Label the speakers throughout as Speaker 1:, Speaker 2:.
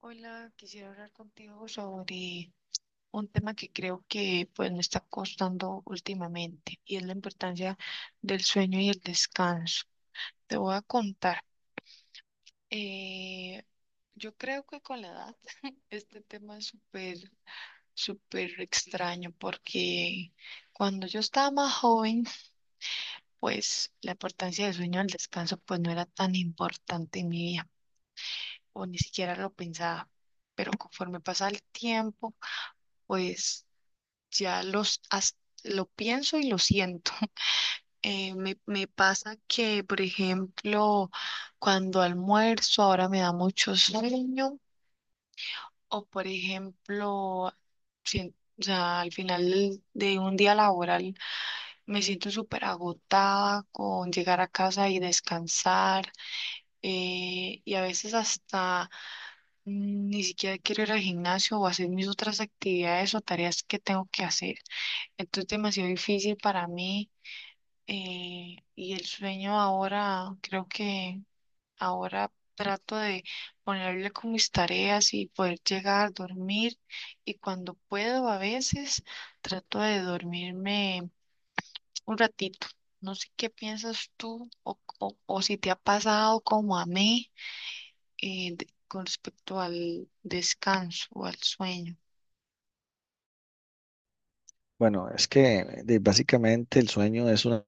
Speaker 1: Hola, quisiera hablar contigo sobre un tema que creo que pues me está costando últimamente y es la importancia del sueño y el descanso. Te voy a contar. eh, yo creo que con la edad este tema es súper, súper extraño porque cuando yo estaba más joven, pues la importancia del sueño y el descanso pues no era tan importante en mi vida o ni siquiera lo pensaba. Pero conforme pasa el tiempo, pues ya lo pienso y lo siento. Me pasa que, por ejemplo, cuando almuerzo ahora me da mucho sueño o, por ejemplo, o sea, al final de un día laboral me siento súper agotada con llegar a casa y descansar, y a veces hasta ni siquiera quiero ir al gimnasio o hacer mis otras actividades o tareas que tengo que hacer. Entonces es demasiado difícil para mí. Y el sueño ahora, creo que ahora trato de ponerle con mis tareas y poder llegar, dormir. Y cuando puedo, a veces trato de dormirme un ratito. No sé qué piensas tú, o si te ha pasado como a mí, con respecto al descanso o al sueño.
Speaker 2: Bueno, es que básicamente el sueño es una,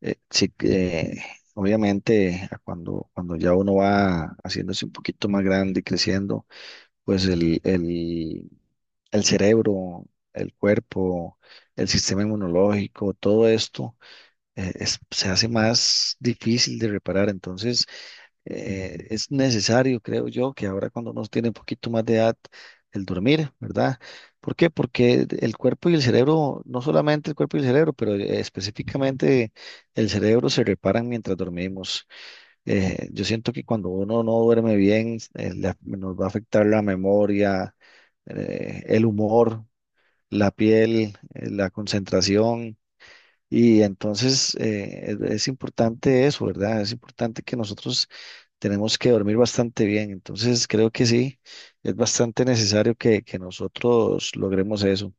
Speaker 2: sí que, obviamente a cuando ya uno va haciéndose un poquito más grande y creciendo, pues el cerebro, el cuerpo, el sistema inmunológico, todo esto se hace más difícil de reparar. Entonces, es necesario, creo yo, que ahora cuando uno tiene un poquito más de edad, el dormir, ¿verdad? ¿Por qué? Porque el cuerpo y el cerebro, no solamente el cuerpo y el cerebro, pero específicamente el cerebro se reparan mientras dormimos. Yo siento que cuando uno no duerme bien, nos va a afectar la memoria, el humor, la piel, la concentración. Y entonces es importante eso, ¿verdad? Es importante que nosotros tenemos que dormir bastante bien. Entonces, creo que sí, es bastante necesario que nosotros logremos eso.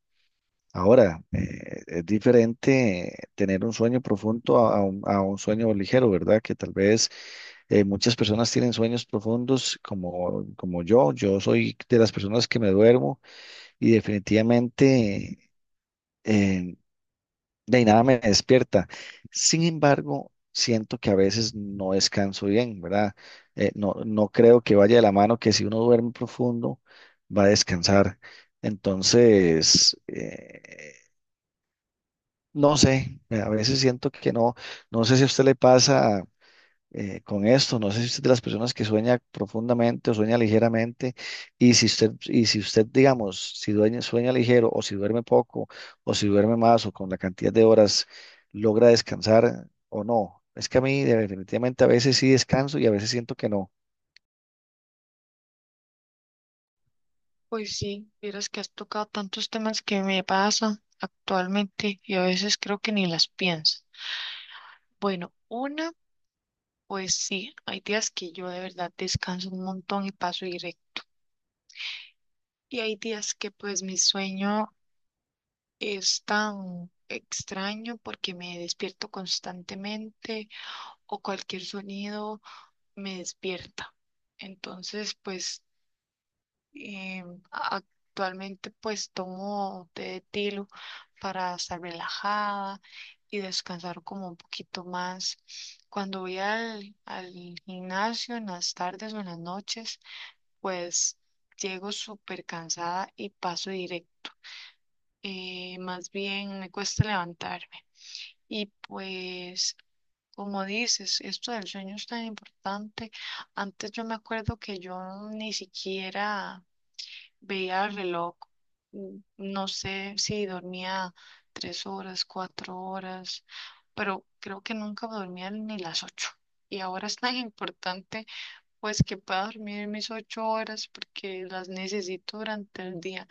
Speaker 2: Ahora, es diferente tener un sueño profundo a un sueño ligero, ¿verdad? Que tal vez muchas personas tienen sueños profundos como yo. Yo soy de las personas que me duermo y definitivamente... eh, de ahí nada me despierta. Sin embargo, siento que a veces no descanso bien, ¿verdad? No, no creo que vaya de la mano que si uno duerme profundo, va a descansar. Entonces, no sé, a veces siento que no, no sé si a usted le pasa con esto. No sé si usted es de las personas que sueña profundamente o sueña ligeramente. Y si usted, digamos, si dueña- sueña ligero o si duerme poco o si duerme más o con la cantidad de horas logra descansar o no. Es que a mí definitivamente a veces sí descanso y a veces siento que no.
Speaker 1: Pues sí, vieras que has tocado tantos temas que me pasan actualmente y a veces creo que ni las pienso. Bueno, una, pues sí, hay días que yo de verdad descanso un montón y paso directo. Y hay días que pues mi sueño es tan extraño porque me despierto constantemente o cualquier sonido me despierta. Entonces, pues, Eh, actualmente pues tomo té de tilo para estar relajada y descansar como un poquito más. Cuando voy al gimnasio en las tardes o en las noches, pues llego súper cansada y paso directo. Más bien me cuesta levantarme. Y pues, como dices, esto del sueño es tan importante. Antes yo me acuerdo que yo ni siquiera veía el reloj, Mm. no sé si dormía 3 horas, 4 horas, pero creo que nunca dormía ni las ocho. Y ahora es tan importante pues que pueda dormir mis 8 horas porque las necesito durante el día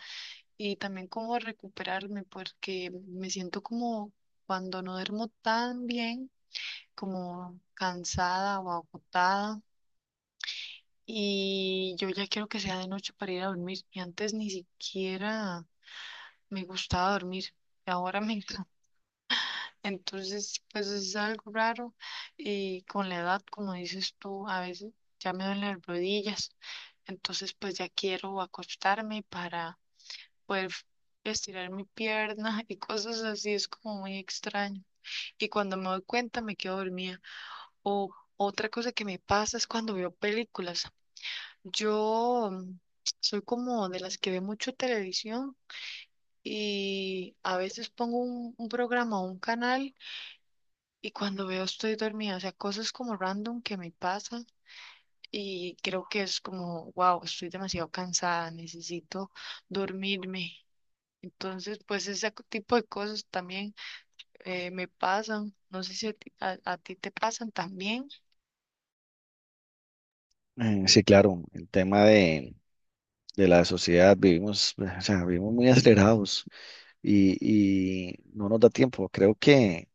Speaker 1: y también como recuperarme porque me siento como, cuando no duermo tan bien, como cansada o agotada. Y yo ya quiero que sea de noche para ir a dormir. Y antes ni siquiera me gustaba dormir y ahora me encanta. Entonces, pues es algo raro y con la edad, como dices tú, a veces ya me duelen las rodillas, entonces pues ya quiero acostarme para poder estirar mi pierna y cosas así, es como muy extraño. Y cuando me doy cuenta me quedo dormida. O otra cosa que me pasa es cuando veo películas. Yo soy como de las que ve mucho televisión. Y a veces pongo un programa o un canal y cuando veo estoy dormida, o sea, cosas como random que me pasan y creo que es como, wow, estoy demasiado cansada, necesito dormirme. Entonces, pues ese tipo de cosas también me pasan. No sé si a ti te pasan también.
Speaker 2: Sí, claro, el tema de la sociedad, vivimos, o sea, vivimos muy acelerados y, y no nos da tiempo. Creo que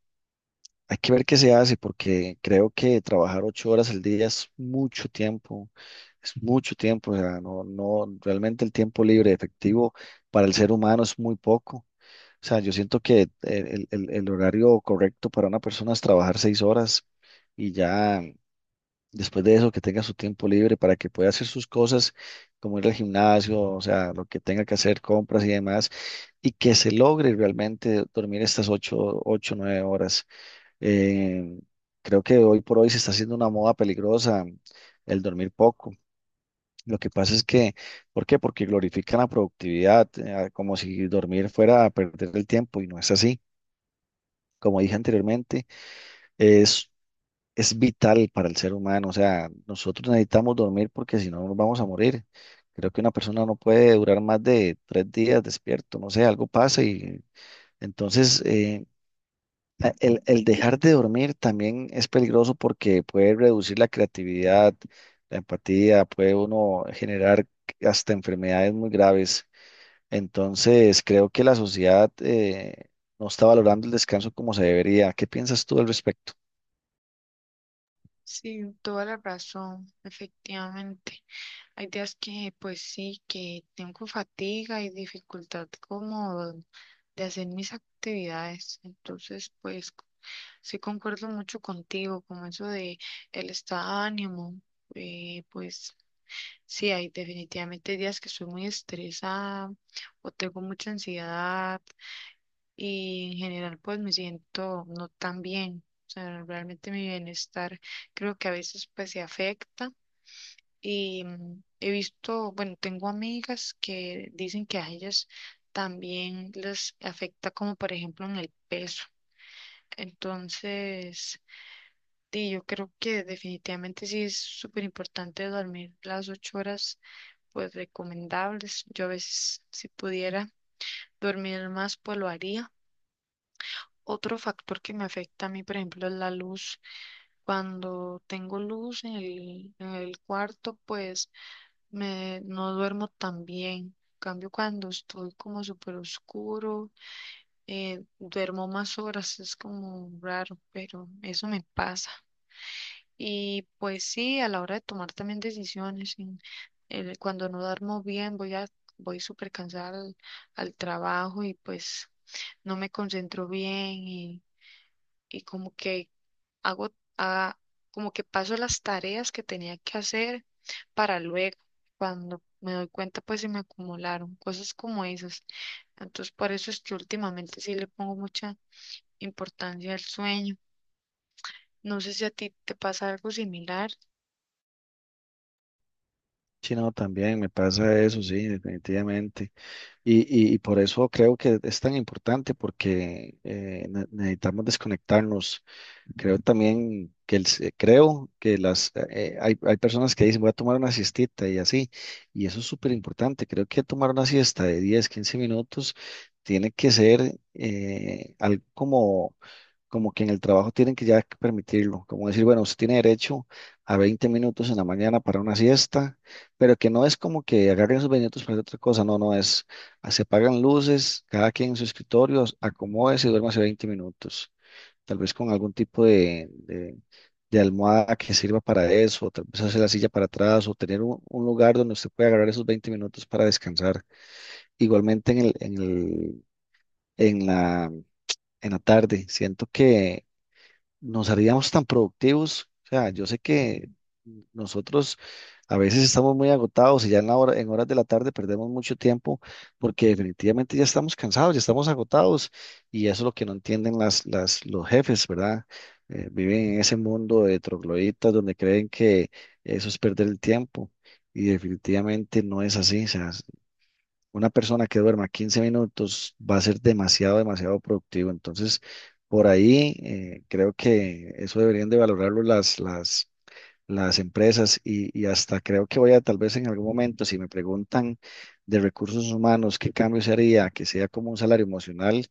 Speaker 2: hay que ver qué se hace porque creo que trabajar 8 horas al día es mucho tiempo, o sea, no, no, realmente el tiempo libre efectivo para el ser humano es muy poco. O sea, yo siento que el horario correcto para una persona es trabajar 6 horas y ya después de eso que tenga su tiempo libre para que pueda hacer sus cosas, como ir al gimnasio, o sea, lo que tenga que hacer, compras y demás, y que se logre realmente dormir estas nueve horas. Eh, creo que hoy por hoy se está haciendo una moda peligrosa el dormir poco. Lo que pasa es que, ¿por qué? Porque glorifican la productividad, como si dormir fuera a perder el tiempo y no es así. Como dije anteriormente, es, es vital para el ser humano. O sea, nosotros necesitamos dormir porque si no nos vamos a morir. Creo que una persona no puede durar más de 3 días despierto, no sé, algo pasa y entonces... El dejar de dormir también es peligroso porque puede reducir la creatividad, la empatía, puede uno generar hasta enfermedades muy graves. Entonces, creo que la sociedad no está valorando el descanso como se debería. ¿Qué piensas tú al respecto?
Speaker 1: Sí, toda la razón, efectivamente. Hay días que, pues sí, que tengo fatiga y dificultad como de hacer mis actividades. Entonces, pues sí concuerdo mucho contigo, con eso de el estado de ánimo. Pues sí, hay definitivamente días que soy muy estresada o tengo mucha ansiedad y en general pues me siento no tan bien. O sea, realmente mi bienestar creo que a veces pues se afecta y he visto, bueno, tengo amigas que dicen que a ellas también les afecta, como por ejemplo en el peso. Entonces, sí, yo creo que definitivamente sí es súper importante dormir las 8 horas, pues recomendables. Yo a veces, si pudiera dormir más, pues lo haría. Otro factor que me afecta a mí, por ejemplo, es la luz. Cuando tengo luz en el cuarto, pues no duermo tan bien. En cambio, cuando estoy como súper oscuro, duermo más horas, es como raro, pero eso me pasa. Y pues sí, a la hora de tomar también decisiones, cuando no duermo bien, voy súper cansada al trabajo y pues no me concentro bien, y como que hago, ah, como que paso las tareas que tenía que hacer para luego, cuando me doy cuenta, pues se me acumularon cosas como esas. Entonces, por eso es que últimamente sí le pongo mucha importancia al sueño. No sé si a ti te pasa algo similar.
Speaker 2: Sí, no, también me pasa eso, sí, definitivamente. Y por eso creo que es tan importante porque necesitamos desconectarnos. Creo también que creo que hay personas que dicen voy a tomar una siestita y así, y eso es súper importante. Creo que tomar una siesta de 10, 15 minutos tiene que ser algo como que en el trabajo tienen que ya permitirlo, como decir, bueno, usted tiene derecho a 20 minutos en la mañana para una siesta, pero que no es como que agarren esos 20 minutos para hacer otra cosa, no es, se apagan luces, cada quien en su escritorio, acomódese y duérmase 20 minutos tal vez con algún tipo de almohada que sirva para eso, o tal vez hacer la silla para atrás, o tener un lugar donde usted pueda agarrar esos 20 minutos para descansar. Igualmente en la, en la tarde, siento que nos haríamos tan productivos. O sea, yo sé que nosotros a veces estamos muy agotados y ya en la hora, en horas de la tarde perdemos mucho tiempo porque definitivamente ya estamos cansados, ya estamos agotados y eso es lo que no entienden los jefes, ¿verdad? Viven en ese mundo de trogloditas donde creen que eso es perder el tiempo y definitivamente no es así. O sea, una persona que duerma 15 minutos va a ser demasiado productivo. Entonces, por ahí creo que eso deberían de valorarlo las empresas y hasta creo que voy a tal vez en algún momento, si me preguntan de recursos humanos, qué cambio se haría, que sea como un salario emocional,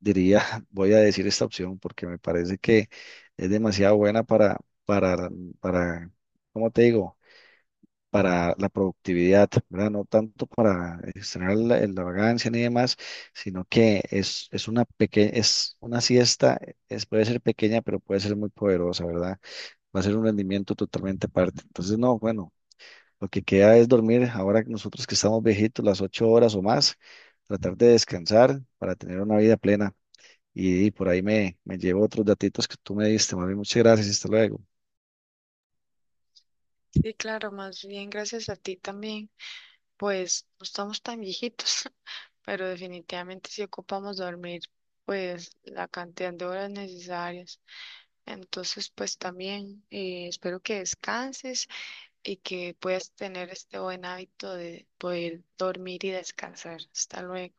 Speaker 2: diría, voy a decir esta opción porque me parece que es demasiado buena para, para, ¿cómo te digo? Para la productividad, ¿verdad? No tanto para extraer la vagancia ni demás, sino que es una pequeña, es una siesta, puede ser pequeña, pero puede ser muy poderosa, ¿verdad? Va a ser un rendimiento totalmente aparte. Entonces, no, bueno, lo que queda es dormir ahora que nosotros que estamos viejitos, las 8 horas o más, tratar de descansar para tener una vida plena. Y por ahí me llevo otros datitos que tú me diste, más bien, muchas gracias, hasta luego.
Speaker 1: Sí, claro, más bien gracias a ti también, pues no estamos tan viejitos, pero definitivamente sí ocupamos dormir, pues la cantidad de horas necesarias. Entonces, pues también, espero que descanses y que puedas tener este buen hábito de poder dormir y descansar. Hasta luego.